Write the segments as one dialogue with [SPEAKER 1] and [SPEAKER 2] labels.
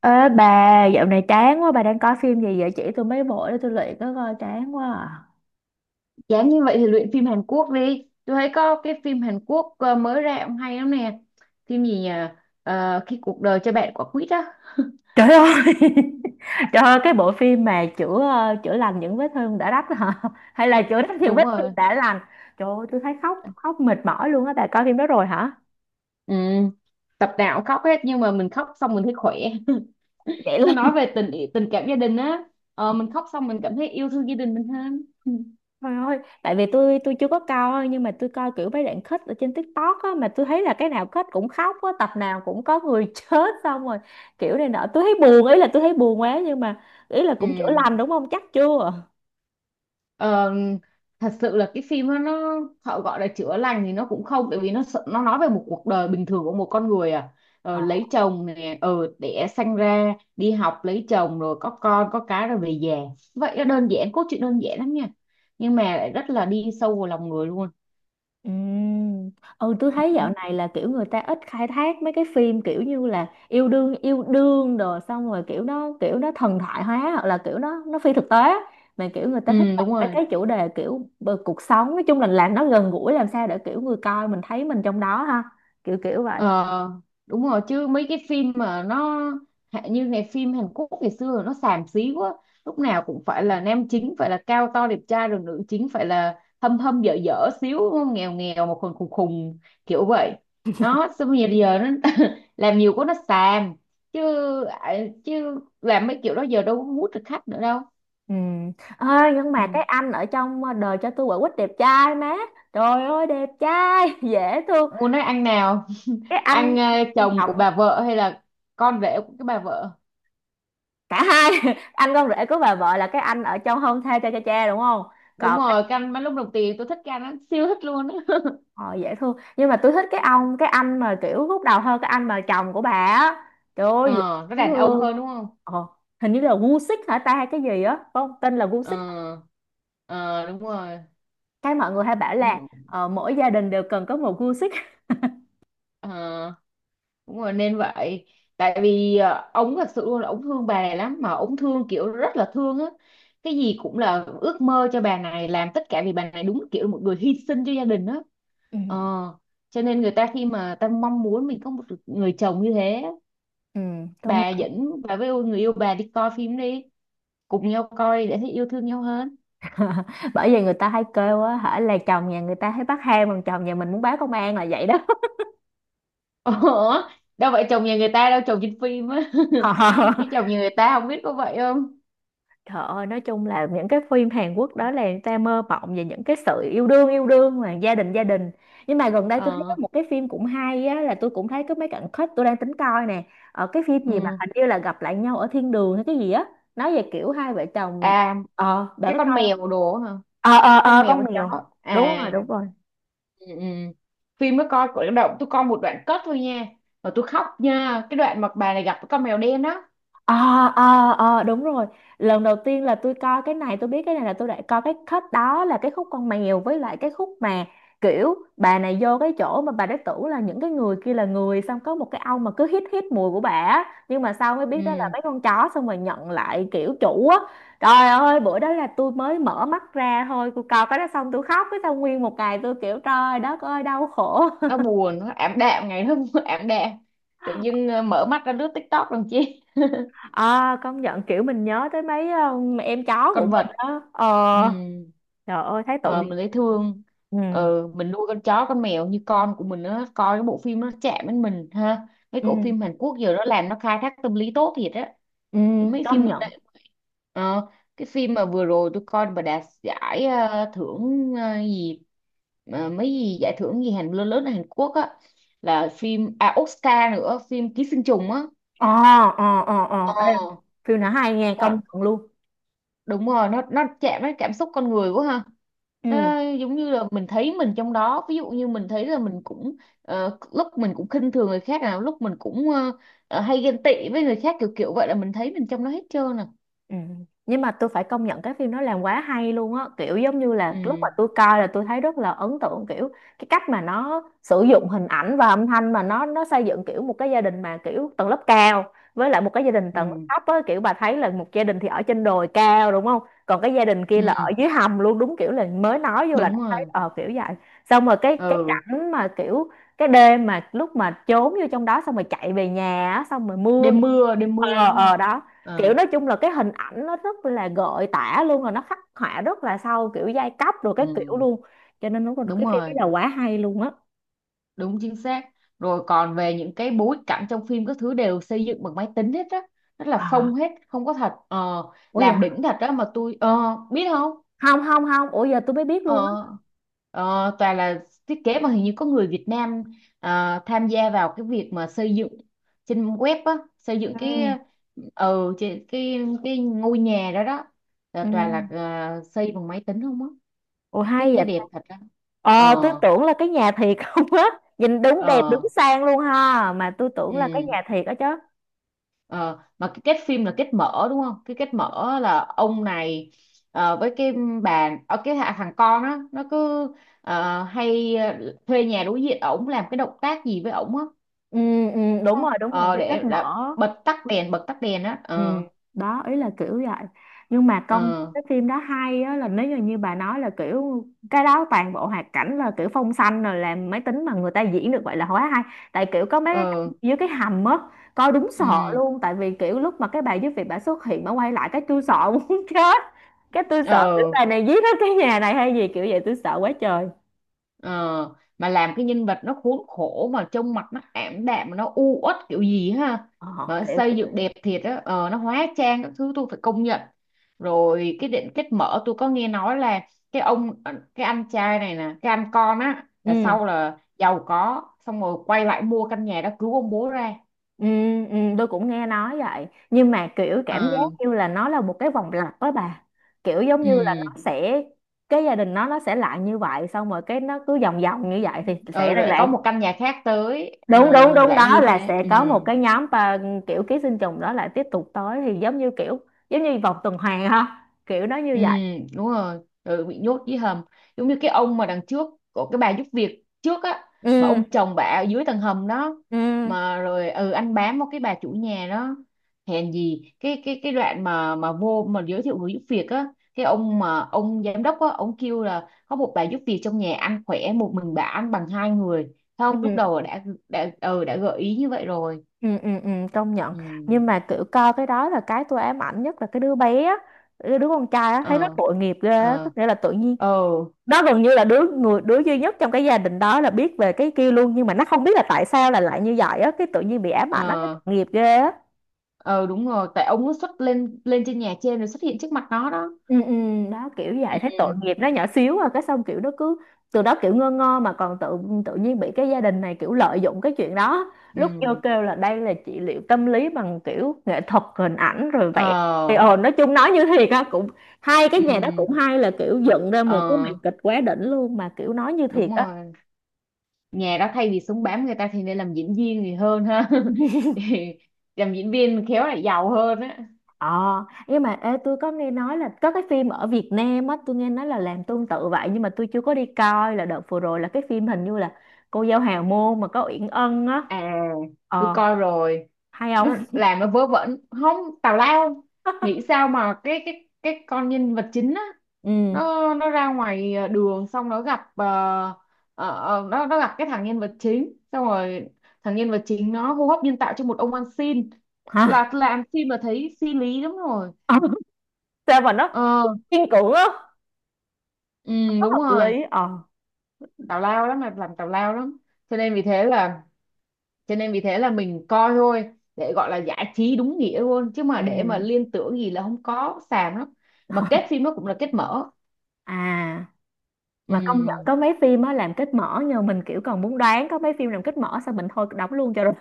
[SPEAKER 1] Ê bà, dạo này chán quá, bà đang coi phim gì vậy? Chỉ tôi mấy bộ để tôi luyện có coi chán quá à.
[SPEAKER 2] Dám như vậy thì luyện phim Hàn Quốc đi. Tôi thấy có cái phim Hàn Quốc mới ra cũng hay lắm nè. Phim gì nhỉ? Ờ, khi cuộc đời cho bạn quả quýt á.
[SPEAKER 1] Trời ơi, trời ơi, cái bộ phim mà chữa chữa lành những vết thương đã rách hả? Hay là chữa rách những
[SPEAKER 2] Đúng
[SPEAKER 1] vết
[SPEAKER 2] rồi.
[SPEAKER 1] thương đã lành? Trời ơi, tôi thấy khóc, khóc mệt mỏi luôn á, bà coi phim đó rồi hả?
[SPEAKER 2] Ừ. Tập nào cũng khóc hết nhưng mà mình khóc xong mình thấy khỏe.
[SPEAKER 1] Vậy
[SPEAKER 2] Nó
[SPEAKER 1] luôn.
[SPEAKER 2] nói về tình tình cảm gia đình á. Ờ, mình khóc xong mình cảm thấy yêu thương gia đình mình hơn.
[SPEAKER 1] Trời ơi, tại vì tôi chưa có coi nhưng mà tôi coi kiểu mấy đoạn kết ở trên TikTok á, mà tôi thấy là cái nào kết cũng khóc á, tập nào cũng có người chết xong rồi kiểu này nọ. Tôi thấy buồn, ý là tôi thấy buồn quá, nhưng mà ý là
[SPEAKER 2] Ừ.
[SPEAKER 1] cũng chữa lành đúng không? Chắc chưa?
[SPEAKER 2] Ờ, thật sự là cái phim đó nó họ gọi là chữa lành thì nó cũng không, tại vì nó nó nói về một cuộc đời bình thường của một con người à,
[SPEAKER 1] Ờ.
[SPEAKER 2] lấy chồng nè, đẻ sanh ra, đi học, lấy chồng rồi có con có cái rồi về già. Vậy nó đơn giản, cốt truyện đơn giản lắm nha, nhưng mà lại rất là đi sâu vào lòng người luôn.
[SPEAKER 1] Ừm. Ừ, tôi thấy dạo này là kiểu người ta ít khai thác mấy cái phim kiểu như là yêu đương đồ, xong rồi kiểu nó thần thoại hóa, hoặc là kiểu nó phi thực tế á. Mà kiểu người ta thích
[SPEAKER 2] Ừ,
[SPEAKER 1] làm
[SPEAKER 2] đúng
[SPEAKER 1] mấy
[SPEAKER 2] rồi.
[SPEAKER 1] cái chủ đề kiểu cuộc sống, nói chung là làm nó gần gũi, làm sao để kiểu người coi mình thấy mình trong đó ha, kiểu kiểu vậy.
[SPEAKER 2] Ờ, đúng rồi, chứ mấy cái phim mà nó như ngày phim Hàn Quốc ngày xưa nó xàm xí quá, lúc nào cũng phải là nam chính phải là cao to đẹp trai, rồi nữ chính phải là hâm hâm dở dở xíu đúng không? Nghèo nghèo mà khùng khùng khùng kiểu vậy đó. Xong bây giờ giờ nó làm nhiều quá nó xàm chứ. À, chứ làm mấy kiểu đó giờ đâu có hút được khách nữa đâu.
[SPEAKER 1] Ừ. Ơi nhưng mà
[SPEAKER 2] Ừ.
[SPEAKER 1] cái anh ở trong đời cho tôi quả quýt đẹp trai má, trời ơi đẹp trai dễ thương.
[SPEAKER 2] Muốn nói ăn nào?
[SPEAKER 1] Cái
[SPEAKER 2] Ăn
[SPEAKER 1] anh, anh
[SPEAKER 2] chồng của
[SPEAKER 1] chồng.
[SPEAKER 2] bà vợ hay là con rể của cái bà vợ?
[SPEAKER 1] Cả hai anh con rể của bà vợ là cái anh ở trong Hôn Thê Cha Cha Cha đúng không?
[SPEAKER 2] Đúng
[SPEAKER 1] Còn
[SPEAKER 2] rồi,
[SPEAKER 1] cái,
[SPEAKER 2] canh bánh lúc đồng tiền tôi thích canh lắm, siêu thích luôn.
[SPEAKER 1] họ dễ thương, nhưng mà tôi thích cái ông cái anh mà kiểu lúc đầu hơn cái anh mà chồng của bà á, trời ơi
[SPEAKER 2] Ờ,
[SPEAKER 1] dễ
[SPEAKER 2] nó đàn ông
[SPEAKER 1] thương.
[SPEAKER 2] hơn đúng không?
[SPEAKER 1] ờ, Hình như là Gucci hả ta, hay cái gì á, phải không, tên là
[SPEAKER 2] Ờ,
[SPEAKER 1] Gucci?
[SPEAKER 2] ờ, đúng rồi.
[SPEAKER 1] Cái mọi người hay bảo
[SPEAKER 2] Đúng
[SPEAKER 1] là,
[SPEAKER 2] đúng.
[SPEAKER 1] mỗi gia đình đều cần có một Gucci.
[SPEAKER 2] Ờ, đúng rồi nên vậy. Tại vì ờ, ông thật sự luôn là ông thương bà này lắm, mà ông thương kiểu rất là thương á. Cái gì cũng là ước mơ cho bà này, làm tất cả vì bà này, đúng kiểu một người hy sinh cho gia đình á.
[SPEAKER 1] Ừ.
[SPEAKER 2] Ờ, cho nên người ta khi mà ta mong muốn mình có một người chồng như thế.
[SPEAKER 1] Ừ, công
[SPEAKER 2] Bà
[SPEAKER 1] nhận.
[SPEAKER 2] dẫn bà với người yêu bà đi coi phim đi, cùng nhau coi để thấy yêu thương nhau hơn.
[SPEAKER 1] Bởi vì người ta hay kêu á hả là chồng nhà người ta thấy bắt hang, còn chồng nhà mình muốn báo công an, là vậy đó.
[SPEAKER 2] Ủa, đâu phải chồng nhà người ta đâu, chồng trên phim á. Cái chồng nhà người ta không biết có vậy không?
[SPEAKER 1] Trời ơi, nói chung là những cái phim Hàn Quốc đó là người ta mơ mộng về những cái sự yêu đương mà gia đình gia đình. Nhưng mà gần đây tôi thấy có
[SPEAKER 2] Ờ,
[SPEAKER 1] một cái phim cũng hay á, là tôi cũng thấy có mấy cảnh khách, tôi đang tính coi nè. Ở cái phim gì mà
[SPEAKER 2] ừ.
[SPEAKER 1] hình như là gặp lại nhau ở thiên đường hay cái gì á, nói về kiểu hai vợ chồng,
[SPEAKER 2] À,
[SPEAKER 1] ờ bạn
[SPEAKER 2] cái
[SPEAKER 1] có
[SPEAKER 2] con
[SPEAKER 1] coi không?
[SPEAKER 2] mèo đồ hả?
[SPEAKER 1] Ờ ờ
[SPEAKER 2] Có. Con
[SPEAKER 1] ờ
[SPEAKER 2] mèo
[SPEAKER 1] con
[SPEAKER 2] con chó.
[SPEAKER 1] mèo. Đúng
[SPEAKER 2] À,
[SPEAKER 1] rồi, đúng rồi.
[SPEAKER 2] ừ, ừ. Phim mới coi của động tôi coi một đoạn cất thôi nha. Mà tôi khóc nha, cái đoạn mà bà này gặp cái con mèo đen đó.
[SPEAKER 1] Ờ ờ ờ đúng rồi, lần đầu tiên là tôi coi cái này, tôi biết cái này là tôi đã coi cái khúc đó là cái khúc con mèo, với lại cái khúc mà kiểu bà này vô cái chỗ mà bà đã tưởng là những cái người kia là người, xong có một cái ông mà cứ hít hít mùi của bà á. Nhưng mà sau mới biết đó là
[SPEAKER 2] Ừ,
[SPEAKER 1] mấy con chó, xong rồi nhận lại kiểu chủ á. Trời ơi, bữa đó là tôi mới mở mắt ra thôi, tôi coi cái đó xong tôi khóc, cái xong nguyên một ngày tôi kiểu trời đất ơi đau khổ.
[SPEAKER 2] nó buồn, nó ảm đạm ngày hôm ảm đạm. Tự dưng mở mắt ra lướt TikTok làm chi.
[SPEAKER 1] À, công nhận kiểu mình nhớ tới mấy em chó của
[SPEAKER 2] Con
[SPEAKER 1] mình
[SPEAKER 2] vật,
[SPEAKER 1] đó. Ờ,
[SPEAKER 2] ừ.
[SPEAKER 1] trời ơi thấy tội
[SPEAKER 2] Ờ,
[SPEAKER 1] nghiệp.
[SPEAKER 2] mình dễ thương.
[SPEAKER 1] Ừ.
[SPEAKER 2] Ờ, mình nuôi con chó con mèo như con của mình, nó coi cái bộ phim nó chạm đến mình ha. Mấy
[SPEAKER 1] Ừ,
[SPEAKER 2] bộ phim Hàn Quốc giờ nó làm nó khai thác tâm lý tốt thiệt á,
[SPEAKER 1] ừ,
[SPEAKER 2] mấy phim
[SPEAKER 1] công
[SPEAKER 2] gần
[SPEAKER 1] nhận.
[SPEAKER 2] đây. Ờ, cái phim mà vừa rồi tôi coi mà đạt giải ờ, thưởng ờ, gì mà mấy gì giải thưởng gì Hàn lớn lớn ở Hàn Quốc á, là phim à Oscar nữa, phim Ký sinh trùng á.
[SPEAKER 1] Ờ ờ ờ ờ ê, phim này hay nghe,
[SPEAKER 2] Ờ,
[SPEAKER 1] công nhận luôn.
[SPEAKER 2] đúng rồi, nó chạm đến cảm xúc con người quá ha.
[SPEAKER 1] Ừ.
[SPEAKER 2] Nó giống như là mình thấy mình trong đó, ví dụ như mình thấy là mình cũng ờ, lúc mình cũng khinh thường người khác, nào lúc mình cũng hay ghen tị với người khác kiểu kiểu vậy, là mình thấy mình trong đó hết trơn à.
[SPEAKER 1] Ừ. Nhưng mà tôi phải công nhận cái phim nó làm quá hay luôn á, kiểu giống như là lúc mà
[SPEAKER 2] Ừ.
[SPEAKER 1] tôi coi là tôi thấy rất là ấn tượng kiểu cái cách mà nó sử dụng hình ảnh và âm thanh mà nó xây dựng kiểu một cái gia đình mà kiểu tầng lớp cao, với lại một cái gia đình tầng
[SPEAKER 2] Ừ.
[SPEAKER 1] lớp thấp á, kiểu bà thấy là một gia đình thì ở trên đồi cao đúng không, còn cái gia đình kia là ở
[SPEAKER 2] Ừ.
[SPEAKER 1] dưới hầm luôn, đúng kiểu là mới nói vô là đã
[SPEAKER 2] Đúng
[SPEAKER 1] thấy
[SPEAKER 2] rồi.
[SPEAKER 1] ờ kiểu vậy. Xong rồi cái
[SPEAKER 2] Ừ.
[SPEAKER 1] cảnh mà kiểu cái đêm mà lúc mà trốn vô trong đó, xong rồi chạy về nhà á, xong rồi mưa.
[SPEAKER 2] Đêm mưa, đêm mưa
[SPEAKER 1] Ờ,
[SPEAKER 2] đúng không?
[SPEAKER 1] ờ đó.
[SPEAKER 2] Ờ.
[SPEAKER 1] Kiểu nói chung là cái hình ảnh nó rất là gợi tả luôn, rồi nó khắc họa rất là sâu kiểu giai cấp rồi cái
[SPEAKER 2] Ừ,
[SPEAKER 1] kiểu luôn, cho nên đúng là
[SPEAKER 2] đúng
[SPEAKER 1] cái phim đó
[SPEAKER 2] rồi.
[SPEAKER 1] là quá hay luôn á.
[SPEAKER 2] Đúng chính xác. Rồi còn về những cái bối cảnh trong phim các thứ đều xây dựng bằng máy tính hết á, rất là
[SPEAKER 1] À,
[SPEAKER 2] phông hết, không có thật. Ờ,
[SPEAKER 1] ủa giờ,
[SPEAKER 2] làm đỉnh thật đó mà tôi ờ, biết không.
[SPEAKER 1] không không không ủa giờ tôi mới biết luôn
[SPEAKER 2] Ờ,
[SPEAKER 1] á.
[SPEAKER 2] ờ, toàn là thiết kế mà hình như có người Việt Nam à, tham gia vào cái việc mà xây dựng trên web á, xây dựng cái
[SPEAKER 1] Ừ.
[SPEAKER 2] ờ trên cái ngôi nhà đó đó, là
[SPEAKER 1] Ừ,
[SPEAKER 2] toàn là à, xây bằng máy tính không á.
[SPEAKER 1] ủa
[SPEAKER 2] Thiết
[SPEAKER 1] hay
[SPEAKER 2] kế
[SPEAKER 1] vậy
[SPEAKER 2] đẹp
[SPEAKER 1] ta.
[SPEAKER 2] thật đó.
[SPEAKER 1] Ờ tôi
[SPEAKER 2] Ờ.
[SPEAKER 1] tưởng là cái nhà thiệt không á, nhìn đúng đẹp đúng
[SPEAKER 2] Ờ.
[SPEAKER 1] sang luôn ha, mà tôi tưởng là cái
[SPEAKER 2] Ừ.
[SPEAKER 1] nhà thiệt á chứ.
[SPEAKER 2] Ờ, mà cái kết phim là kết mở đúng không? Cái kết mở là ông này ờ, với cái bà ở cái thằng con á, nó cứ ờ, hay ờ, thuê nhà đối diện ổng, làm cái động tác gì với ổng á
[SPEAKER 1] Ừ, ừ,
[SPEAKER 2] đúng
[SPEAKER 1] đúng
[SPEAKER 2] không?
[SPEAKER 1] rồi đúng rồi,
[SPEAKER 2] Ờ,
[SPEAKER 1] cái kết
[SPEAKER 2] để,
[SPEAKER 1] mở.
[SPEAKER 2] đã bật tắt đèn, bật tắt đèn á.
[SPEAKER 1] Ừ,
[SPEAKER 2] Ờ.
[SPEAKER 1] đó ý là kiểu vậy. Nhưng mà công nhận
[SPEAKER 2] Ờ.
[SPEAKER 1] cái phim đó hay á, là nếu như như bà nói là kiểu cái đó toàn bộ hoạt cảnh là kiểu phong xanh rồi làm máy tính, mà người ta diễn được vậy là quá hay. Tại kiểu có mấy cái
[SPEAKER 2] Ờ.
[SPEAKER 1] cảnh dưới cái hầm á, coi đúng sợ
[SPEAKER 2] Ừ.
[SPEAKER 1] luôn, tại vì kiểu lúc mà cái bà giúp việc bà xuất hiện bà quay lại cái tôi sợ muốn chết. Cái tôi sợ kiểu
[SPEAKER 2] Ờ.
[SPEAKER 1] bà này giết hết cái nhà này hay gì kiểu vậy, tôi sợ quá trời.
[SPEAKER 2] Ờ, mà làm cái nhân vật nó khốn khổ mà trông mặt nó ảm đạm mà nó u uất kiểu gì ha.
[SPEAKER 1] ờ,
[SPEAKER 2] Mà nó
[SPEAKER 1] Kiểu
[SPEAKER 2] xây
[SPEAKER 1] kiểu
[SPEAKER 2] dựng
[SPEAKER 1] vậy.
[SPEAKER 2] đẹp thiệt á, ờ, nó hóa trang các thứ tôi phải công nhận. Rồi cái định kết mở tôi có nghe nói là cái ông ờ, cái anh trai này nè, cái anh con á là
[SPEAKER 1] Ừ.
[SPEAKER 2] sau là giàu có xong rồi quay lại mua căn nhà đó cứu ông bố ra.
[SPEAKER 1] Ừ, ừ, tôi cũng nghe nói vậy nhưng mà kiểu cảm giác
[SPEAKER 2] Ờ,
[SPEAKER 1] như là nó là một cái vòng lặp đó bà, kiểu giống
[SPEAKER 2] ừ.
[SPEAKER 1] như là nó sẽ, cái gia đình nó sẽ lại như vậy, xong rồi cái nó cứ vòng vòng như vậy thì sẽ
[SPEAKER 2] Ừ,
[SPEAKER 1] lại
[SPEAKER 2] rồi có
[SPEAKER 1] lại-
[SPEAKER 2] một căn nhà khác tới
[SPEAKER 1] Đúng
[SPEAKER 2] ờ,
[SPEAKER 1] đúng đúng,
[SPEAKER 2] lại
[SPEAKER 1] đó
[SPEAKER 2] như
[SPEAKER 1] là
[SPEAKER 2] thế.
[SPEAKER 1] sẽ
[SPEAKER 2] Ừ.
[SPEAKER 1] có một cái nhóm và kiểu ký sinh trùng đó lại tiếp tục tới, thì giống như kiểu, giống như vòng tuần hoàn ha, kiểu nó như
[SPEAKER 2] Ừ,
[SPEAKER 1] vậy.
[SPEAKER 2] đúng rồi, ừ, bị nhốt dưới hầm. Giống như cái ông mà đằng trước của cái bà giúp việc trước á,
[SPEAKER 1] Ừ
[SPEAKER 2] mà ông chồng bà ở dưới tầng hầm đó,
[SPEAKER 1] ừ
[SPEAKER 2] mà rồi ừ anh bám vào cái bà chủ nhà đó. Hèn gì cái đoạn mà vô mà giới thiệu người giúp việc á, cái ông mà ông giám đốc á, ông kêu là có một bà giúp việc trong nhà ăn khỏe, một mình bà ăn bằng hai người. Thấy không, lúc
[SPEAKER 1] ừ
[SPEAKER 2] đầu đã ừ, đã gợi ý như vậy rồi.
[SPEAKER 1] ừ ừ. Ừ, công nhận.
[SPEAKER 2] Ừ.
[SPEAKER 1] Nhưng mà kiểu coi cái đó là cái tôi ám ảnh nhất là cái đứa bé á, đứa đứa con trai á, thấy nó
[SPEAKER 2] Ờ.
[SPEAKER 1] tội nghiệp ghê á. Tức
[SPEAKER 2] Ờ.
[SPEAKER 1] nghĩa là tự nhiên
[SPEAKER 2] Ờ.
[SPEAKER 1] nó gần như là đứa duy nhất trong cái gia đình đó là biết về cái kia luôn, nhưng mà nó không biết là tại sao là lại như vậy á, cái tự nhiên bị ám ảnh, nó thấy
[SPEAKER 2] Ờ.
[SPEAKER 1] tội nghiệp ghê á.
[SPEAKER 2] Ờ, đúng rồi, tại ông nó xuất lên lên trên nhà trên rồi xuất hiện trước mặt nó đó.
[SPEAKER 1] Ừ, ừ, đó kiểu vậy,
[SPEAKER 2] Ừ.
[SPEAKER 1] thấy tội nghiệp nó nhỏ xíu à, cái xong kiểu nó cứ từ đó kiểu ngơ ngơ, mà còn tự, tự nhiên bị cái gia đình này kiểu lợi dụng cái chuyện đó, lúc vô
[SPEAKER 2] Ừ.
[SPEAKER 1] kêu là đây là trị liệu tâm lý bằng kiểu nghệ thuật hình ảnh rồi
[SPEAKER 2] Ờ.
[SPEAKER 1] vẽ, thì ờ nói chung nói như thiệt á. Cũng hai cái nhà đó
[SPEAKER 2] Ừ.
[SPEAKER 1] cũng hay, là kiểu dựng ra một cái màn
[SPEAKER 2] Ờ.
[SPEAKER 1] kịch quá đỉnh luôn, mà kiểu nói như thiệt
[SPEAKER 2] đúng
[SPEAKER 1] á.
[SPEAKER 2] rồi, nhà đó thay vì súng bám người ta thì nên làm diễn viên thì hơn ha. Thì làm diễn viên khéo lại giàu hơn.
[SPEAKER 1] Ờ, nhưng mà ê, tôi có nghe nói là có cái phim ở Việt Nam á, tôi nghe nói là làm tương tự vậy, nhưng mà tôi chưa có đi coi. Là đợt vừa rồi là cái phim hình như là Cô Dâu Hào Môn mà có Uyển Ân á.
[SPEAKER 2] À, tôi
[SPEAKER 1] Ờ,
[SPEAKER 2] coi rồi.
[SPEAKER 1] hay không?
[SPEAKER 2] Nó làm nó vớ vẩn, không, tào lao. Nghĩ sao mà cái con nhân vật chính á,
[SPEAKER 1] Ừ,
[SPEAKER 2] nó ra ngoài ờ, đường xong nó gặp ờ, nó gặp cái thằng nhân vật chính, xong rồi thằng nhân vật chính nó hô hấp nhân tạo cho một ông ăn xin,
[SPEAKER 1] hả?
[SPEAKER 2] là làm phim mà thấy phi lý lắm rồi.
[SPEAKER 1] Ờ, sao mà nó
[SPEAKER 2] Ờ.
[SPEAKER 1] kiên cưỡng á,
[SPEAKER 2] Ừ, đúng
[SPEAKER 1] hợp
[SPEAKER 2] rồi,
[SPEAKER 1] lý. Ờ.
[SPEAKER 2] tào lao lắm, là làm tào lao lắm, cho nên vì thế là cho nên vì thế là mình coi thôi, để gọi là giải trí đúng nghĩa luôn, chứ mà
[SPEAKER 1] Ừ.
[SPEAKER 2] để mà liên tưởng gì là không có, xàm lắm. Mà kết phim nó cũng là kết mở.
[SPEAKER 1] À, mà công nhận
[SPEAKER 2] Ừm,
[SPEAKER 1] có mấy phim á làm kết mở nhờ mình kiểu còn muốn đoán, có mấy phim làm kết mở sao mình thôi đóng luôn cho rồi.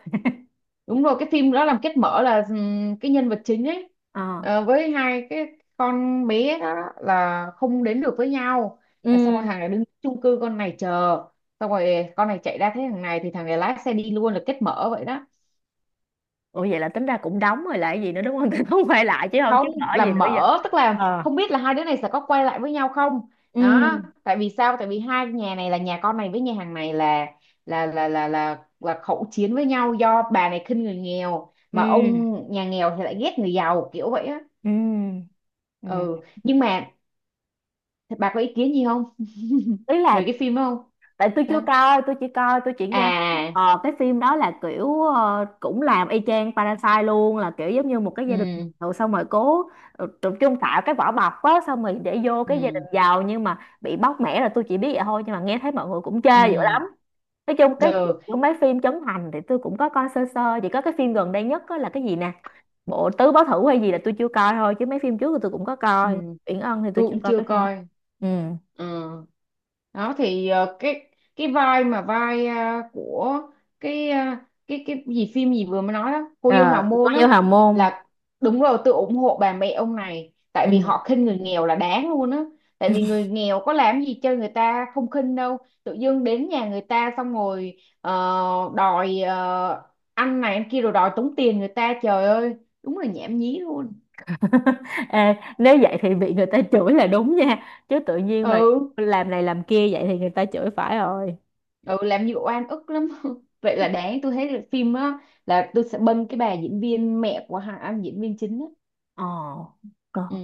[SPEAKER 2] đúng rồi, cái phim đó làm kết mở là cái nhân vật chính ấy
[SPEAKER 1] Ờ.
[SPEAKER 2] ờ, với hai cái con bé đó là không đến được với nhau, là xong
[SPEAKER 1] Ừ.
[SPEAKER 2] rồi hàng này đứng chung cư con này chờ, xong rồi con này chạy ra thấy thằng này thì thằng này lái xe đi luôn, là kết mở vậy đó.
[SPEAKER 1] Ủa vậy là tính ra cũng đóng rồi, lại gì nữa đúng không? Không quay lại chứ không, chứ
[SPEAKER 2] Không,
[SPEAKER 1] mở
[SPEAKER 2] là
[SPEAKER 1] gì nữa giờ.
[SPEAKER 2] mở tức là
[SPEAKER 1] Ờ.
[SPEAKER 2] không biết là hai đứa này sẽ có quay lại với nhau không. Đó,
[SPEAKER 1] Ừ
[SPEAKER 2] tại vì sao, tại vì hai nhà này là nhà con này với nhà hàng này là là khẩu chiến với nhau, do bà này khinh người nghèo mà
[SPEAKER 1] ừ
[SPEAKER 2] ông nhà nghèo thì lại ghét người giàu kiểu vậy á.
[SPEAKER 1] ừ ừ.
[SPEAKER 2] Ừ, nhưng mà bà có ý kiến gì không
[SPEAKER 1] Ý là,
[SPEAKER 2] về cái phim đó không?
[SPEAKER 1] tại tôi chưa
[SPEAKER 2] Sao?
[SPEAKER 1] coi, tôi chỉ coi, tôi chỉ nghe
[SPEAKER 2] À.
[SPEAKER 1] cái phim đó là kiểu cũng làm y chang Parasite luôn, là kiểu giống như một cái gia đình
[SPEAKER 2] Ừ.
[SPEAKER 1] nghèo, xong rồi cố tập trung tạo cái vỏ bọc á, xong rồi để vô cái gia đình
[SPEAKER 2] Ừ.
[SPEAKER 1] giàu nhưng mà bị bóc mẽ, là tôi chỉ biết vậy thôi, nhưng mà nghe thấy mọi người cũng chê dữ
[SPEAKER 2] Ừ.
[SPEAKER 1] lắm. Nói chung cái
[SPEAKER 2] Được.
[SPEAKER 1] kiểu mấy phim Trấn Thành thì tôi cũng có coi sơ sơ, chỉ có cái phim gần đây nhất á là cái gì nè, bộ tứ báo thủ hay gì là tôi chưa coi thôi, chứ mấy phim trước thì tôi cũng có
[SPEAKER 2] Ừ.
[SPEAKER 1] coi.
[SPEAKER 2] Ừ,
[SPEAKER 1] Uyển Ân thì tôi
[SPEAKER 2] tôi
[SPEAKER 1] chưa
[SPEAKER 2] cũng
[SPEAKER 1] coi
[SPEAKER 2] chưa
[SPEAKER 1] cái phim.
[SPEAKER 2] coi.
[SPEAKER 1] Ừ.
[SPEAKER 2] Ừ. Đó thì ờ, cái vai mà vai ờ, của cái ờ, cái gì phim gì vừa mới nói đó, cô dâu hào
[SPEAKER 1] À,
[SPEAKER 2] môn
[SPEAKER 1] coi như
[SPEAKER 2] á,
[SPEAKER 1] hào môn.
[SPEAKER 2] là, đúng rồi, tôi ủng hộ bà mẹ ông này tại vì
[SPEAKER 1] Ừ.
[SPEAKER 2] họ khinh người nghèo là đáng luôn á. Tại vì người nghèo có làm gì cho người ta không khinh đâu, tự dưng đến nhà người ta xong rồi ờ, đòi ờ, ăn này ăn kia rồi đòi tống tiền người ta, trời ơi, đúng là nhảm nhí luôn.
[SPEAKER 1] Ê, nếu vậy thì bị người ta chửi là đúng nha, chứ tự nhiên mà
[SPEAKER 2] Ừ.
[SPEAKER 1] làm này làm kia vậy thì người ta chửi phải rồi.
[SPEAKER 2] Ừ, làm nhiều oan ức lắm. Vậy là đáng, tôi thấy là phim á, là tôi sẽ bênh cái bà diễn viên mẹ của hai anh diễn viên chính á.
[SPEAKER 1] Ờ,
[SPEAKER 2] Ừ,
[SPEAKER 1] còn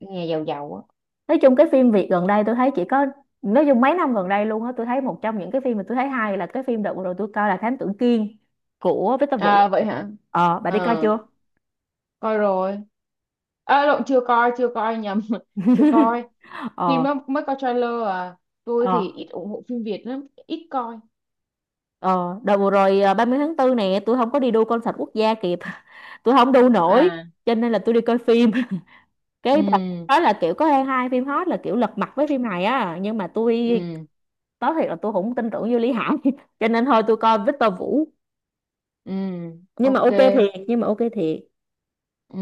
[SPEAKER 2] nhà giàu giàu á.
[SPEAKER 1] nói chung cái phim Việt gần đây tôi thấy chỉ có, nói chung mấy năm gần đây luôn á, tôi thấy một trong những cái phim mà tôi thấy hay là cái phim đợt vừa rồi tôi coi là Thám Tử Kiên của Victor Vũ.
[SPEAKER 2] À vậy hả?
[SPEAKER 1] Ờ bà đi coi
[SPEAKER 2] Ờ,
[SPEAKER 1] chưa?
[SPEAKER 2] coi rồi. À, lộn, chưa coi, chưa coi, nhầm. Chưa coi, phim
[SPEAKER 1] Ờ
[SPEAKER 2] đó mới coi trailer à. Tôi
[SPEAKER 1] ờ
[SPEAKER 2] thì ít ủng hộ phim Việt lắm, ít coi.
[SPEAKER 1] ờ đợt vừa rồi à, 30 tháng 4 nè, tôi không có đi đu concert quốc gia kịp. Tôi không đu nổi,
[SPEAKER 2] À.
[SPEAKER 1] cho nên là tôi đi coi phim. Cái bà
[SPEAKER 2] Ừ.
[SPEAKER 1] nói là kiểu có hai hai phim hot là kiểu lật mặt với phim này á, nhưng mà tôi
[SPEAKER 2] Ừ.
[SPEAKER 1] nói thiệt là tôi không tin tưởng vô Lý Hải, cho nên thôi tôi coi Victor Vũ,
[SPEAKER 2] Ừ.
[SPEAKER 1] nhưng mà
[SPEAKER 2] Ok.
[SPEAKER 1] ok thiệt, nhưng mà ok thiệt.
[SPEAKER 2] Ừ.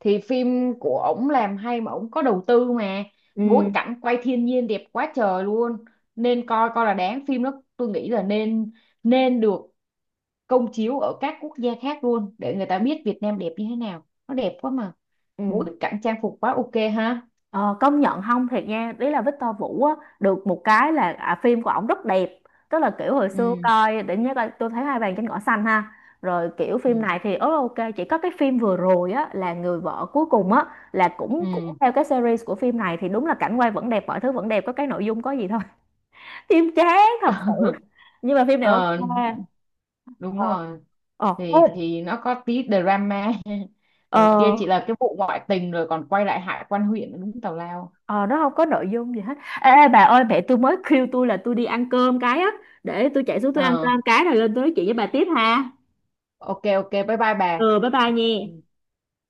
[SPEAKER 2] Thì phim của ổng làm hay mà ổng có đầu tư mà, bối
[SPEAKER 1] Ừ.
[SPEAKER 2] cảnh quay thiên nhiên đẹp quá trời luôn, nên coi, coi là đáng. Phim đó tôi nghĩ là nên, nên được công chiếu ở các quốc gia khác luôn để người ta biết Việt Nam đẹp như thế nào, nó đẹp quá mà,
[SPEAKER 1] Ừ.
[SPEAKER 2] bối cảnh trang phục quá ok ha.
[SPEAKER 1] ờ, Công nhận không thiệt nha, ý là Victor Vũ á được một cái là phim của ổng rất đẹp, tức là kiểu hồi
[SPEAKER 2] Ừ.
[SPEAKER 1] xưa coi để nhớ coi tôi thấy hai bàn trên cỏ xanh ha, rồi kiểu phim
[SPEAKER 2] Ừ.
[SPEAKER 1] này thì ớ ok. Chỉ có cái phim vừa rồi á là người vợ cuối cùng á, là cũng cũng
[SPEAKER 2] Ừ.
[SPEAKER 1] theo cái series của phim này thì đúng là cảnh quay vẫn đẹp, mọi thứ vẫn đẹp, có cái nội dung có gì thôi, phim chán thật sự, nhưng mà phim này ok.
[SPEAKER 2] Ờ, đúng
[SPEAKER 1] Ờ.
[SPEAKER 2] rồi,
[SPEAKER 1] Ờ
[SPEAKER 2] thì
[SPEAKER 1] không.
[SPEAKER 2] thì nó có tí drama. Còn kia
[SPEAKER 1] Ờ,
[SPEAKER 2] chỉ là cái vụ ngoại tình rồi còn quay lại hại quan huyện, đúng tào lao.
[SPEAKER 1] ờ, nó không có nội dung gì hết. Ê ê, bà ơi mẹ tôi mới kêu tôi là tôi đi ăn cơm cái á, để tôi chạy xuống tôi ăn
[SPEAKER 2] Ờ,
[SPEAKER 1] cơm cái rồi lên tôi nói chuyện với bà tiếp ha.
[SPEAKER 2] ok ok, bye bye bà.
[SPEAKER 1] Ừ bye bye
[SPEAKER 2] Ừ.
[SPEAKER 1] nha.